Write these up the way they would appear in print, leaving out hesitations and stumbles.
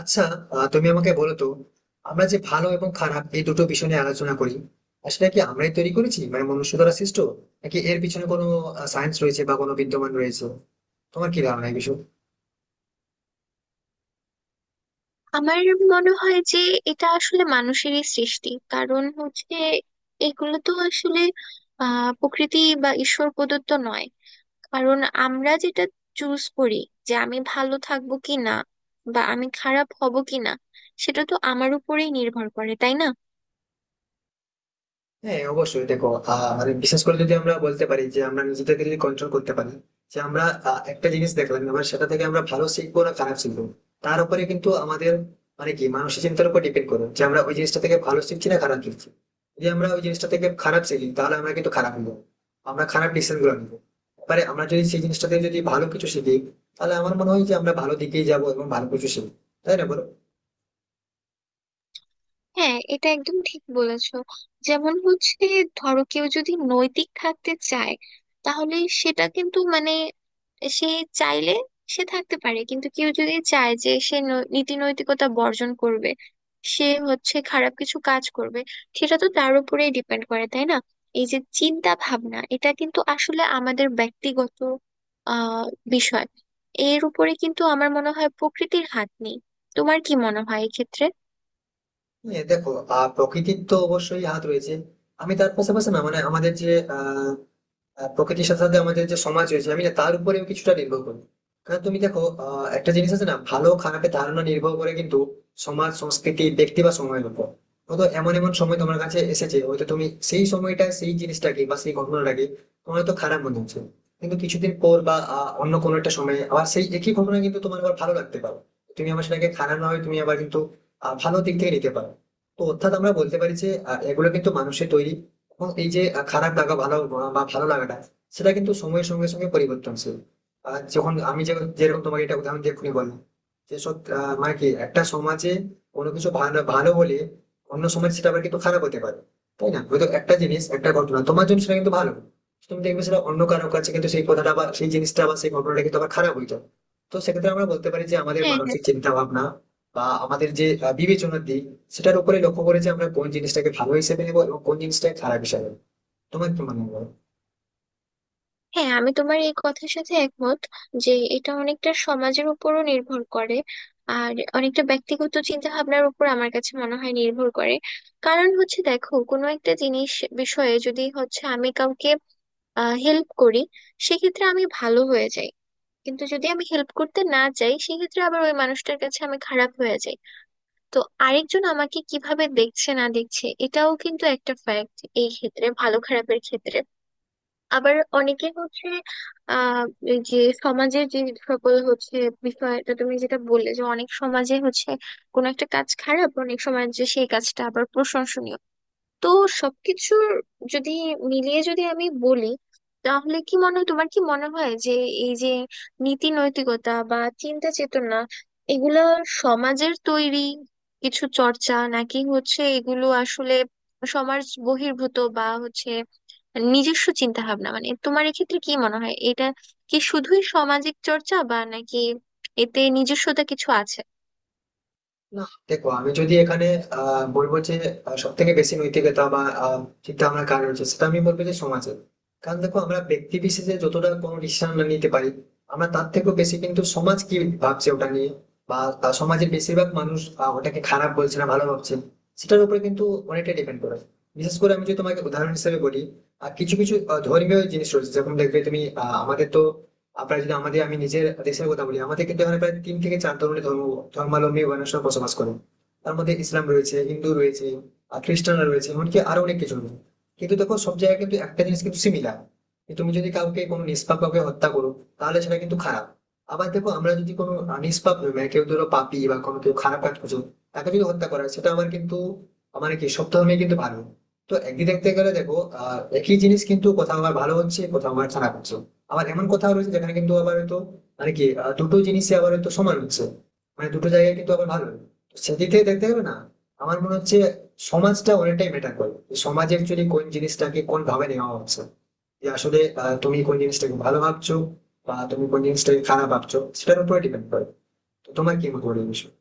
আচ্ছা। তুমি আমাকে বলো তো, আমরা যে ভালো এবং খারাপ এই দুটো বিষয় নিয়ে আলোচনা করি, আসলে কি আমরাই তৈরি করেছি মানে মনুষ্য দ্বারা সৃষ্ট, নাকি এর পিছনে কোনো সায়েন্স রয়েছে বা কোনো বিদ্যমান রয়েছে? তোমার কি ধারণা এই বিষয়ে? আমার মনে হয় যে এটা আসলে মানুষেরই সৃষ্টি। কারণ হচ্ছে এগুলো তো আসলে প্রকৃতি বা ঈশ্বর প্রদত্ত নয়। কারণ আমরা যেটা চুজ করি যে আমি ভালো থাকবো কি না বা আমি খারাপ হব কি না, সেটা তো আমার উপরেই নির্ভর করে, তাই না? হ্যাঁ, অবশ্যই দেখো, মানে বিশেষ করে যদি আমরা বলতে পারি যে আমরা নিজেদেরকে যদি কন্ট্রোল করতে পারি, যে আমরা একটা জিনিস দেখলাম, এবার সেটা থেকে আমরা ভালো শিখবো না খারাপ শিখবো, তার উপরে কিন্তু আমাদের মানে কি মানসিক চিন্তার উপর ডিপেন্ড করবে যে আমরা ওই জিনিসটা থেকে ভালো শিখছি না খারাপ শিখছি। যদি আমরা ওই জিনিসটা থেকে খারাপ শিখি, তাহলে আমরা কিন্তু খারাপ হবো, আমরা খারাপ ডিসিশন গুলো নেবো। এবারে আমরা যদি সেই জিনিসটা থেকে যদি ভালো কিছু শিখি, তাহলে আমার মনে হয় যে আমরা ভালো দিকেই যাবো এবং ভালো কিছু শিখবো। তাই না বলো? হ্যাঁ, এটা একদম ঠিক বলেছো। যেমন হচ্ছে ধরো কেউ যদি নৈতিক থাকতে চায়, তাহলে সেটা কিন্তু মানে সে চাইলে সে থাকতে পারে। কিন্তু কেউ যদি চায় যে সে নীতি নৈতিকতা বর্জন করবে, সে হচ্ছে খারাপ কিছু কাজ করবে, সেটা তো তার উপরেই ডিপেন্ড করে, তাই না? এই যে চিন্তা ভাবনা, এটা কিন্তু আসলে আমাদের ব্যক্তিগত আহ বিষয়। এর উপরে কিন্তু আমার মনে হয় প্রকৃতির হাত নেই। তোমার কি মনে হয় এক্ষেত্রে? হ্যাঁ দেখো, প্রকৃতির তো অবশ্যই হাত রয়েছে। আমি তার পাশাপাশি না মানে আমাদের যে আহ আহ, প্রকৃতির সাথে সাথে আমাদের যে সমাজ রয়েছে, আমি না তার উপরেও কিছুটা নির্ভর করি। কারণ তুমি দেখো, একটা জিনিস আছে না, ভালো খারাপের ধারণা নির্ভর করে কিন্তু সমাজ, সংস্কৃতি, ব্যক্তি বা সময়ের উপর। হয়তো এমন এমন সময় তোমার কাছে এসেছে, হয়তো তুমি সেই সময়টা সেই জিনিসটাকে বা সেই ঘটনাটাকে তোমার হয়তো খারাপ মনে হচ্ছে, কিন্তু কিছুদিন পর বা অন্য কোনো একটা সময়ে আবার সেই একই ঘটনা কিন্তু তোমার আবার ভালো লাগতে পারো। তুমি আবার সেটাকে খারাপ না হয় তুমি আবার কিন্তু ভালো দিক থেকে নিতে পারো। তো অর্থাৎ আমরা বলতে পারি যে এগুলো কিন্তু মানুষের তৈরি। এবং এই যে খারাপ লাগা ভালো বা ভালো লাগাটা, সেটা কিন্তু সময়ের সঙ্গে সঙ্গে পরিবর্তনশীল। আর যখন আমি যেরকম তোমাকে এটা উদাহরণ দিয়ে এক্ষুনি বললাম, যে সব মানে কি একটা সমাজে কোনো কিছু ভালো ভালো হলে, অন্য সমাজ সেটা আবার কিন্তু খারাপ হতে পারে। তাই না, হয়তো একটা জিনিস একটা ঘটনা তোমার জন্য সেটা কিন্তু ভালো, তুমি দেখবে সেটা অন্য কারো কাছে কিন্তু সেই কথাটা বা সেই জিনিসটা বা সেই ঘটনাটা কিন্তু আবার খারাপ হইতো। তো সেক্ষেত্রে আমরা বলতে পারি যে আমাদের হ্যাঁ, হ্যাঁ, মানসিক চিন্তা ভাবনা বা আমাদের যে বিবেচনার দিক, সেটার উপরে লক্ষ্য করে যে আমরা কোন জিনিসটাকে ভালো হিসেবে নেবো এবং কোন জিনিসটাকে খারাপ হিসেবে নেবো। তোমার কি মনে হয়? হ্যাঁ, আমি তোমার এই কথার সাথে একমত যে এটা অনেকটা সমাজের উপরও নির্ভর করে। আর অনেকটা ব্যক্তিগত চিন্তা ভাবনার উপর আমার কাছে মনে হয় নির্ভর করে। কারণ হচ্ছে দেখো, কোনো একটা জিনিস বিষয়ে যদি হচ্ছে আমি কাউকে হেল্প করি, সেক্ষেত্রে আমি ভালো হয়ে যাই। কিন্তু যদি আমি হেল্প করতে না যাই, সেক্ষেত্রে আবার ওই মানুষটার কাছে আমি খারাপ হয়ে যাই। তো আরেকজন আমাকে কিভাবে দেখছে না দেখছে, এটাও কিন্তু একটা ফ্যাক্ট এই ক্ষেত্রে, ভালো খারাপের ক্ষেত্রে। আবার অনেকে হচ্ছে আহ এই যে সমাজের যে সকল হচ্ছে বিষয়টা তুমি যেটা বললে যে অনেক সমাজে হচ্ছে কোনো একটা কাজ খারাপ, অনেক সমাজে সেই কাজটা আবার প্রশংসনীয়। তো সবকিছুর যদি মিলিয়ে যদি আমি বলি, তাহলে কি মনে হয়, তোমার কি মনে হয় যে এই যে নীতি নৈতিকতা বা চিন্তা চেতনা, এগুলা সমাজের তৈরি কিছু চর্চা, নাকি হচ্ছে এগুলো আসলে সমাজ বহির্ভূত, বা হচ্ছে নিজস্ব চিন্তা ভাবনা? মানে তোমার এক্ষেত্রে কি মনে হয়, এটা কি শুধুই সামাজিক চর্চা, বা নাকি এতে নিজস্বতা কিছু আছে? না, দেখো, আমি যদি এখানে বলবো যে সব থেকে বেশি নৈতিকতা বা চিন্তা ভাবনা কার রয়েছে, সেটা আমি বলবো যে সমাজের। কারণ দেখো, আমরা ব্যক্তি বিশেষে যতটা কোনো ডিসিশন নিতে পারি, আমরা তার থেকেও বেশি কিন্তু সমাজ কি ভাবছে ওটা নিয়ে, বা সমাজের বেশিরভাগ মানুষ ওটাকে খারাপ বলছে না ভালো ভাবছে, সেটার উপরে কিন্তু অনেকটা ডিপেন্ড করে। বিশেষ করে আমি যদি তোমাকে উদাহরণ হিসেবে বলি, কিছু কিছু ধর্মীয় জিনিস রয়েছে, যেমন দেখবে তুমি, আমাদের তো প্রায় যদি আমাদের আমি নিজের দেশের কথা বলি, আমাদের কিন্তু এখানে প্রায় তিন থেকে চার ধরনের ধর্ম ধর্মাবলম্বী মানুষরা বসবাস করে। তার মধ্যে ইসলাম রয়েছে, হিন্দু রয়েছে, আর খ্রিস্টানরা রয়েছে, এমনকি আরো অনেক কিছু রয়েছে। কিন্তু দেখো, সব জায়গায় কিন্তু একটা জিনিস কিন্তু সিমিলার। তুমি যদি কাউকে কোনো নিষ্পাপ কাউকে হত্যা করো, তাহলে সেটা কিন্তু খারাপ। আবার দেখো, আমরা যদি কোনো নিষ্পাপ নই মানে কেউ ধরো পাপী বা কোনো কেউ খারাপ কাজ করছো, তাকে যদি হত্যা করা হয়, সেটা আমার কিন্তু মানে কি সব ধর্মে কিন্তু ভালো। তো একদিকে দেখতে গেলে দেখো, একই জিনিস কিন্তু কোথাও আমার ভালো হচ্ছে, কোথাও আমার খারাপ হচ্ছে। আবার এমন কোথাও রয়েছে যেখানে কিন্তু আবার হয়তো মানে কি দুটো জিনিসে আবার হয়তো সমান হচ্ছে, মানে দুটো জায়গায় কিন্তু আবার ভালো। তো সেদিক থেকে দেখতে হবে না, আমার মনে হচ্ছে সমাজটা অনেকটাই ম্যাটার করে, যে সমাজে অ্যাকচুয়ালি কোন জিনিসটাকে কোন ভাবে নেওয়া হচ্ছে, যে আসলে তুমি কোন জিনিসটাকে ভালো ভাবছো বা তুমি কোন জিনিসটাকে খারাপ ভাবছো, সেটার উপরে ডিপেন্ড করে। তো তোমার কি মত বলে এই বিষয়ে?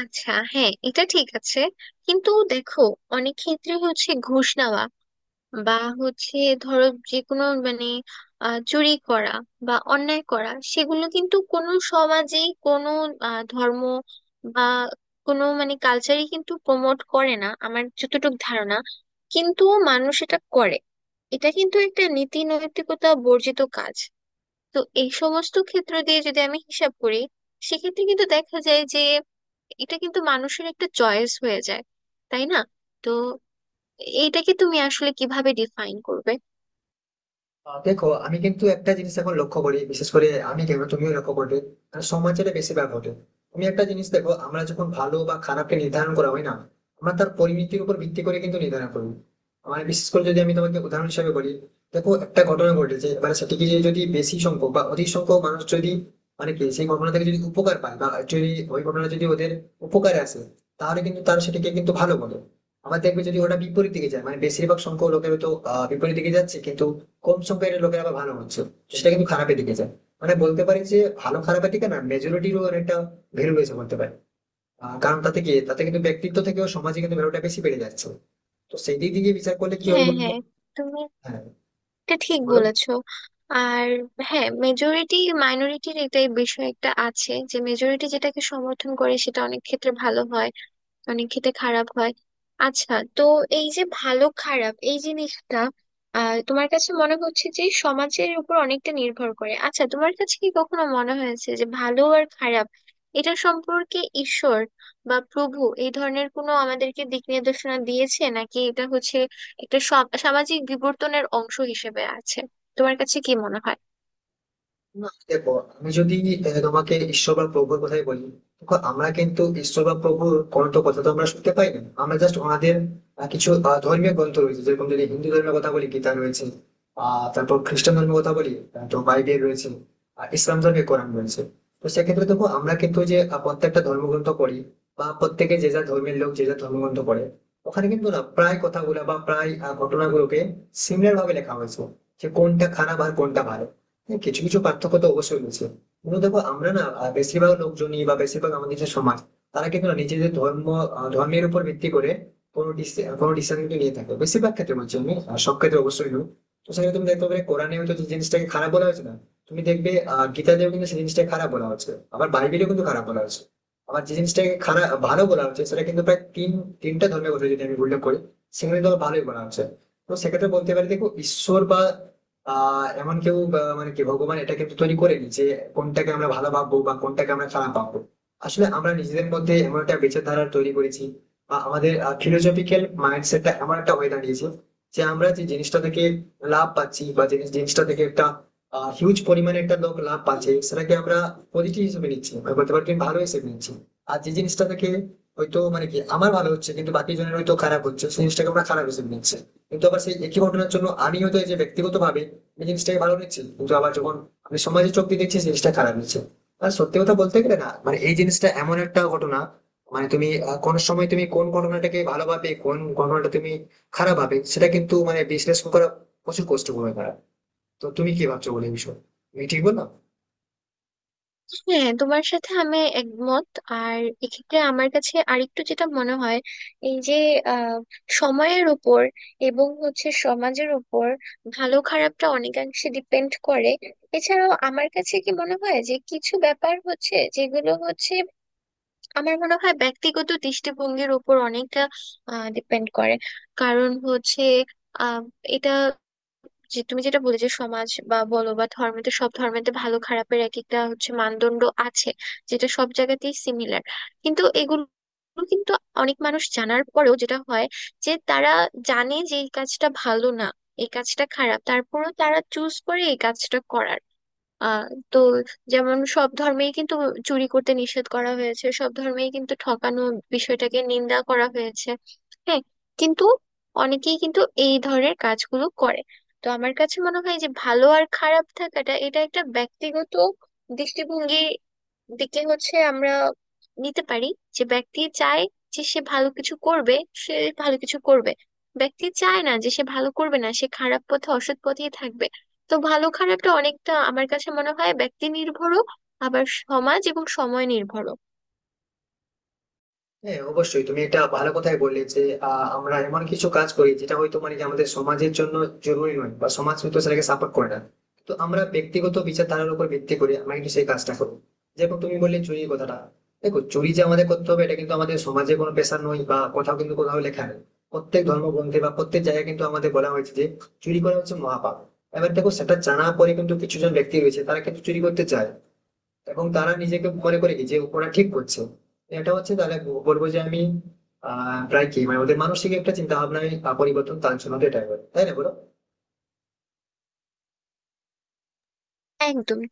আচ্ছা, হ্যাঁ, এটা ঠিক আছে। কিন্তু দেখো, অনেক ক্ষেত্রে হচ্ছে ঘুষ নেওয়া বা হচ্ছে ধরো যে কোনো মানে চুরি করা বা অন্যায় করা, সেগুলো কিন্তু কোনো সমাজেই কোনো ধর্ম বা কোনো মানে কালচারই কিন্তু প্রমোট করে না, আমার যতটুকু ধারণা। কিন্তু মানুষ এটা করে। এটা কিন্তু একটা নীতি নৈতিকতা বর্জিত কাজ। তো এই সমস্ত ক্ষেত্র দিয়ে যদি আমি হিসাব করি, সেক্ষেত্রে কিন্তু দেখা যায় যে এটা কিন্তু মানুষের একটা চয়েস হয়ে যায়, তাই না? তো এইটাকে তুমি আসলে কিভাবে ডিফাইন করবে? দেখো, আমি কিন্তু একটা জিনিস এখন লক্ষ্য করি, বিশেষ করে আমি কেন, তুমিও লক্ষ্য করবে, কারণ সমাজের বেশিরভাগ ঘটে। তুমি একটা জিনিস দেখো, আমরা যখন ভালো বা খারাপকে নির্ধারণ করা হয় না, আমরা তার পরিণতির উপর ভিত্তি করে কিন্তু নির্ধারণ করি। মানে বিশেষ করে যদি আমি তোমাকে উদাহরণ হিসেবে বলি, দেখো, একটা ঘটনা ঘটেছে, এবার সেটিকে যে যদি বেশি সংখ্যক বা অধিক সংখ্যক মানুষ যদি মানে কি সেই ঘটনা থেকে যদি উপকার পায়, বা যদি ওই ঘটনা যদি ওদের উপকারে আসে, তাহলে কিন্তু তারা সেটিকে কিন্তু ভালো বলে। আবার দেখবে যদি ওটা বিপরীত দিকে যায়, মানে বেশিরভাগ সংখ্যক লোকের তো বিপরীত দিকে যাচ্ছে, কিন্তু কম সংখ্যার লোকের আবার ভালো হচ্ছে, সেটা কিন্তু খারাপের দিকে যায়। মানে বলতে পারি যে ভালো খারাপের দিকে না, মেজরিটিরও একটা ভ্যালু রয়েছে বলতে পারি। কারণ তাতে কি তাতে কিন্তু ব্যক্তিত্ব থেকেও সমাজে কিন্তু ভ্যালুটা বেশি বেড়ে যাচ্ছে। তো সেই দিক দিয়ে বিচার করলে কি হয় হ্যাঁ, বলতো? হ্যাঁ, তুমি হ্যাঁ, এটা ঠিক বলো। বলেছো। আর হ্যাঁ, মেজরিটি মাইনরিটির এটাই বিষয় একটা আছে যে মেজরিটি যেটাকে সমর্থন করে সেটা অনেক ক্ষেত্রে ভালো হয়, অনেক খেতে খারাপ হয়। আচ্ছা, তো এই যে ভালো খারাপ এই জিনিসটা, তোমার কাছে মনে হচ্ছে যে সমাজের উপর অনেকটা নির্ভর করে। আচ্ছা, তোমার কাছে কি কখনো মনে হয়েছে যে ভালো আর খারাপ এটা সম্পর্কে ঈশ্বর বা প্রভু এই ধরনের কোনো আমাদেরকে দিক নির্দেশনা দিয়েছে, নাকি এটা হচ্ছে একটা সামাজিক বিবর্তনের অংশ হিসেবে আছে? তোমার কাছে কি মনে হয়? না, দেখো, আমি যদি তোমাকে ঈশ্বর বা প্রভুর কথাই বলি, দেখো আমরা কিন্তু ঈশ্বর বা প্রভুর কোনো তো কথা তো আমরা শুনতে পাই না, আমরা জাস্ট ওনাদের কিছু ধর্মীয় গ্রন্থ রয়েছে, যেরকম যদি হিন্দু ধর্মের কথা বলি গীতা রয়েছে, তারপর খ্রিস্টান ধর্মের কথা বলি, তো বাইবেল রয়েছে, আর ইসলাম ধর্মে কোরআন রয়েছে। তো সেক্ষেত্রে দেখো, আমরা কিন্তু যে প্রত্যেকটা ধর্মগ্রন্থ পড়ি বা প্রত্যেকে যে যা ধর্মের লোক যে যা ধর্মগ্রন্থ পড়ে, ওখানে কিন্তু না প্রায় কথাগুলা বা প্রায় ঘটনাগুলোকে সিমিলার ভাবে লেখা হয়েছে, যে কোনটা খারাপ আর কোনটা ভালো। হ্যাঁ, কিছু কিছু পার্থক্য তো অবশ্যই রয়েছে, কিন্তু দেখো আমরা না বেশিরভাগ লোকজনই বা বেশিরভাগ আমাদের যে সমাজ, তারা কিন্তু না নিজেদের ধর্ম ধর্মের উপর ভিত্তি করে কোনো ডিসিশন কিন্তু নিয়ে থাকে বেশিরভাগ ক্ষেত্রে বলছি আমি, সব ক্ষেত্রে অবশ্যই নয়। তো সেখানে তুমি দেখতে পাবে কোরআনে হয়তো যে জিনিসটাকে খারাপ বলা হয়েছে না, তুমি দেখবে গীতাতেও কিন্তু সেই জিনিসটাকে খারাপ বলা হচ্ছে, আবার বাইবেলেও কিন্তু খারাপ বলা হচ্ছে। আবার যে জিনিসটাকে খারাপ ভালো বলা হচ্ছে, সেটা কিন্তু প্রায় তিনটা ধর্মের কথা যদি আমি উল্লেখ করি, সেখানে তো ভালোই বলা হচ্ছে। তো সেক্ষেত্রে বলতে পারি দেখো, ঈশ্বর বা এমন কেউ মানে কি ভগবান এটা কিন্তু তৈরি করেনি যে কোনটাকে আমরা ভালো ভাববো বা কোনটাকে আমরা খারাপ ভাববো। আসলে আমরা নিজেদের মধ্যে এমন একটা বিচারধারা তৈরি করেছি, বা আমাদের ফিলোসফিক্যাল মাইন্ডসেটটা এমন একটা হয়ে দাঁড়িয়েছে, যে আমরা যে জিনিসটা থেকে লাভ পাচ্ছি, বা যে জিনিসটা থেকে একটা হিউজ পরিমাণে একটা লোক লাভ পাচ্ছে, সেটাকে আমরা পজিটিভ হিসেবে নিচ্ছি, বা বলতে পারি ভালো হিসেবে নিচ্ছি। আর যে জিনিসটা থেকে হয়তো মানে কি আমার ভালো হচ্ছে, কিন্তু বাকি জনের হয়তো খারাপ হচ্ছে, সেই জিনিসটাকে আমরা খারাপ হিসেবে নিচ্ছি। কিন্তু আবার সেই একই ঘটনার জন্য আমি হয়তো এই যে ব্যক্তিগত ভাবে আমি জিনিসটাকে ভালো দেখছি, কিন্তু আবার যখন আমি সমাজে চোখ দিয়ে দেখছি জিনিসটা খারাপ হচ্ছে। আর সত্যি কথা বলতে গেলে না, মানে এই জিনিসটা এমন একটা ঘটনা মানে তুমি কোন সময় তুমি কোন ঘটনাটাকে ভালো ভাবে কোন ঘটনাটা তুমি খারাপ ভাবে, সেটা কিন্তু মানে বিশ্লেষণ করা প্রচুর কষ্টকর ব্যাপার। তো তুমি কি ভাবছো বলে এই বিষয়ে? আমি ঠিক বললাম? হ্যাঁ, তোমার সাথে আমি একমত। আর এক্ষেত্রে আমার কাছে আরেকটু যেটা মনে হয়, এই যে আহ, সময়ের উপর এবং হচ্ছে সমাজের উপর ভালো খারাপটা অনেকাংশে ডিপেন্ড করে। এছাড়াও আমার কাছে কি মনে হয় যে কিছু ব্যাপার হচ্ছে যেগুলো হচ্ছে, আমার মনে হয় ব্যক্তিগত দৃষ্টিভঙ্গির উপর অনেকটা ডিপেন্ড করে। কারণ হচ্ছে আহ এটা, যে তুমি যেটা বলে যে সমাজ বা বলো বা ধর্মেতে, সব ধর্মেতে ভালো খারাপের এক একটা হচ্ছে মানদণ্ড আছে যেটা সব জায়গাতেই সিমিলার। কিন্তু এগুলো কিন্তু অনেক মানুষ জানার পরেও যেটা হয় যে তারা জানে যে এই কাজটা ভালো না, এই কাজটা খারাপ, তারপরেও তারা চুজ করে এই কাজটা করার। আহ তো যেমন সব ধর্মেই কিন্তু চুরি করতে নিষেধ করা হয়েছে, সব ধর্মেই কিন্তু ঠকানো বিষয়টাকে নিন্দা করা হয়েছে। হ্যাঁ, কিন্তু অনেকেই কিন্তু এই ধরনের কাজগুলো করে। তো আমার কাছে মনে হয় যে ভালো আর খারাপ থাকাটা এটা একটা ব্যক্তিগত দৃষ্টিভঙ্গি দিকে হচ্ছে আমরা নিতে পারি। যে ব্যক্তি চায় যে সে ভালো কিছু করবে, সে ভালো কিছু করবে। ব্যক্তি চায় না যে সে ভালো করবে, না সে খারাপ পথে অসৎ পথেই থাকবে। তো ভালো খারাপটা অনেকটা আমার কাছে মনে হয় ব্যক্তি নির্ভরও, আবার সমাজ এবং সময় নির্ভরও। হ্যাঁ, অবশ্যই তুমি এটা ভালো কথাই বললে যে আমরা এমন কিছু কাজ করি যেটা হয়তো মানে কি আমাদের সমাজের জন্য জরুরি নয়, বা সমাজ হয়তো সেটাকে সাপোর্ট করে না। তো আমরা ব্যক্তিগত বিচারধারার উপর ভিত্তি করে আমরা কিন্তু সেই কাজটা করবো, যেরকম তুমি বললে চুরির কথাটা। দেখো, চুরি যে আমাদের করতে হবে এটা কিন্তু আমাদের সমাজে কোনো পেশা নয়, বা কোথাও কিন্তু কোথাও লেখা নেই। প্রত্যেক ধর্মগ্রন্থে বা প্রত্যেক জায়গায় কিন্তু আমাদের বলা হয়েছে যে চুরি করা হচ্ছে মহাপাপ। এবার দেখো সেটা জানা পরে কিন্তু কিছু জন ব্যক্তি রয়েছে, তারা কিন্তু চুরি করতে চায়, এবং তারা নিজেকে মনে করে কি যে ওরা ঠিক করছে। এটা হচ্ছে তাহলে বলবো যে আমি প্রায় কি মানে ওদের মানসিক একটা চিন্তা ভাবনায় পরিবর্তন, তার জন্য তো এটাই বলে, তাই না বলো? একদম তুমি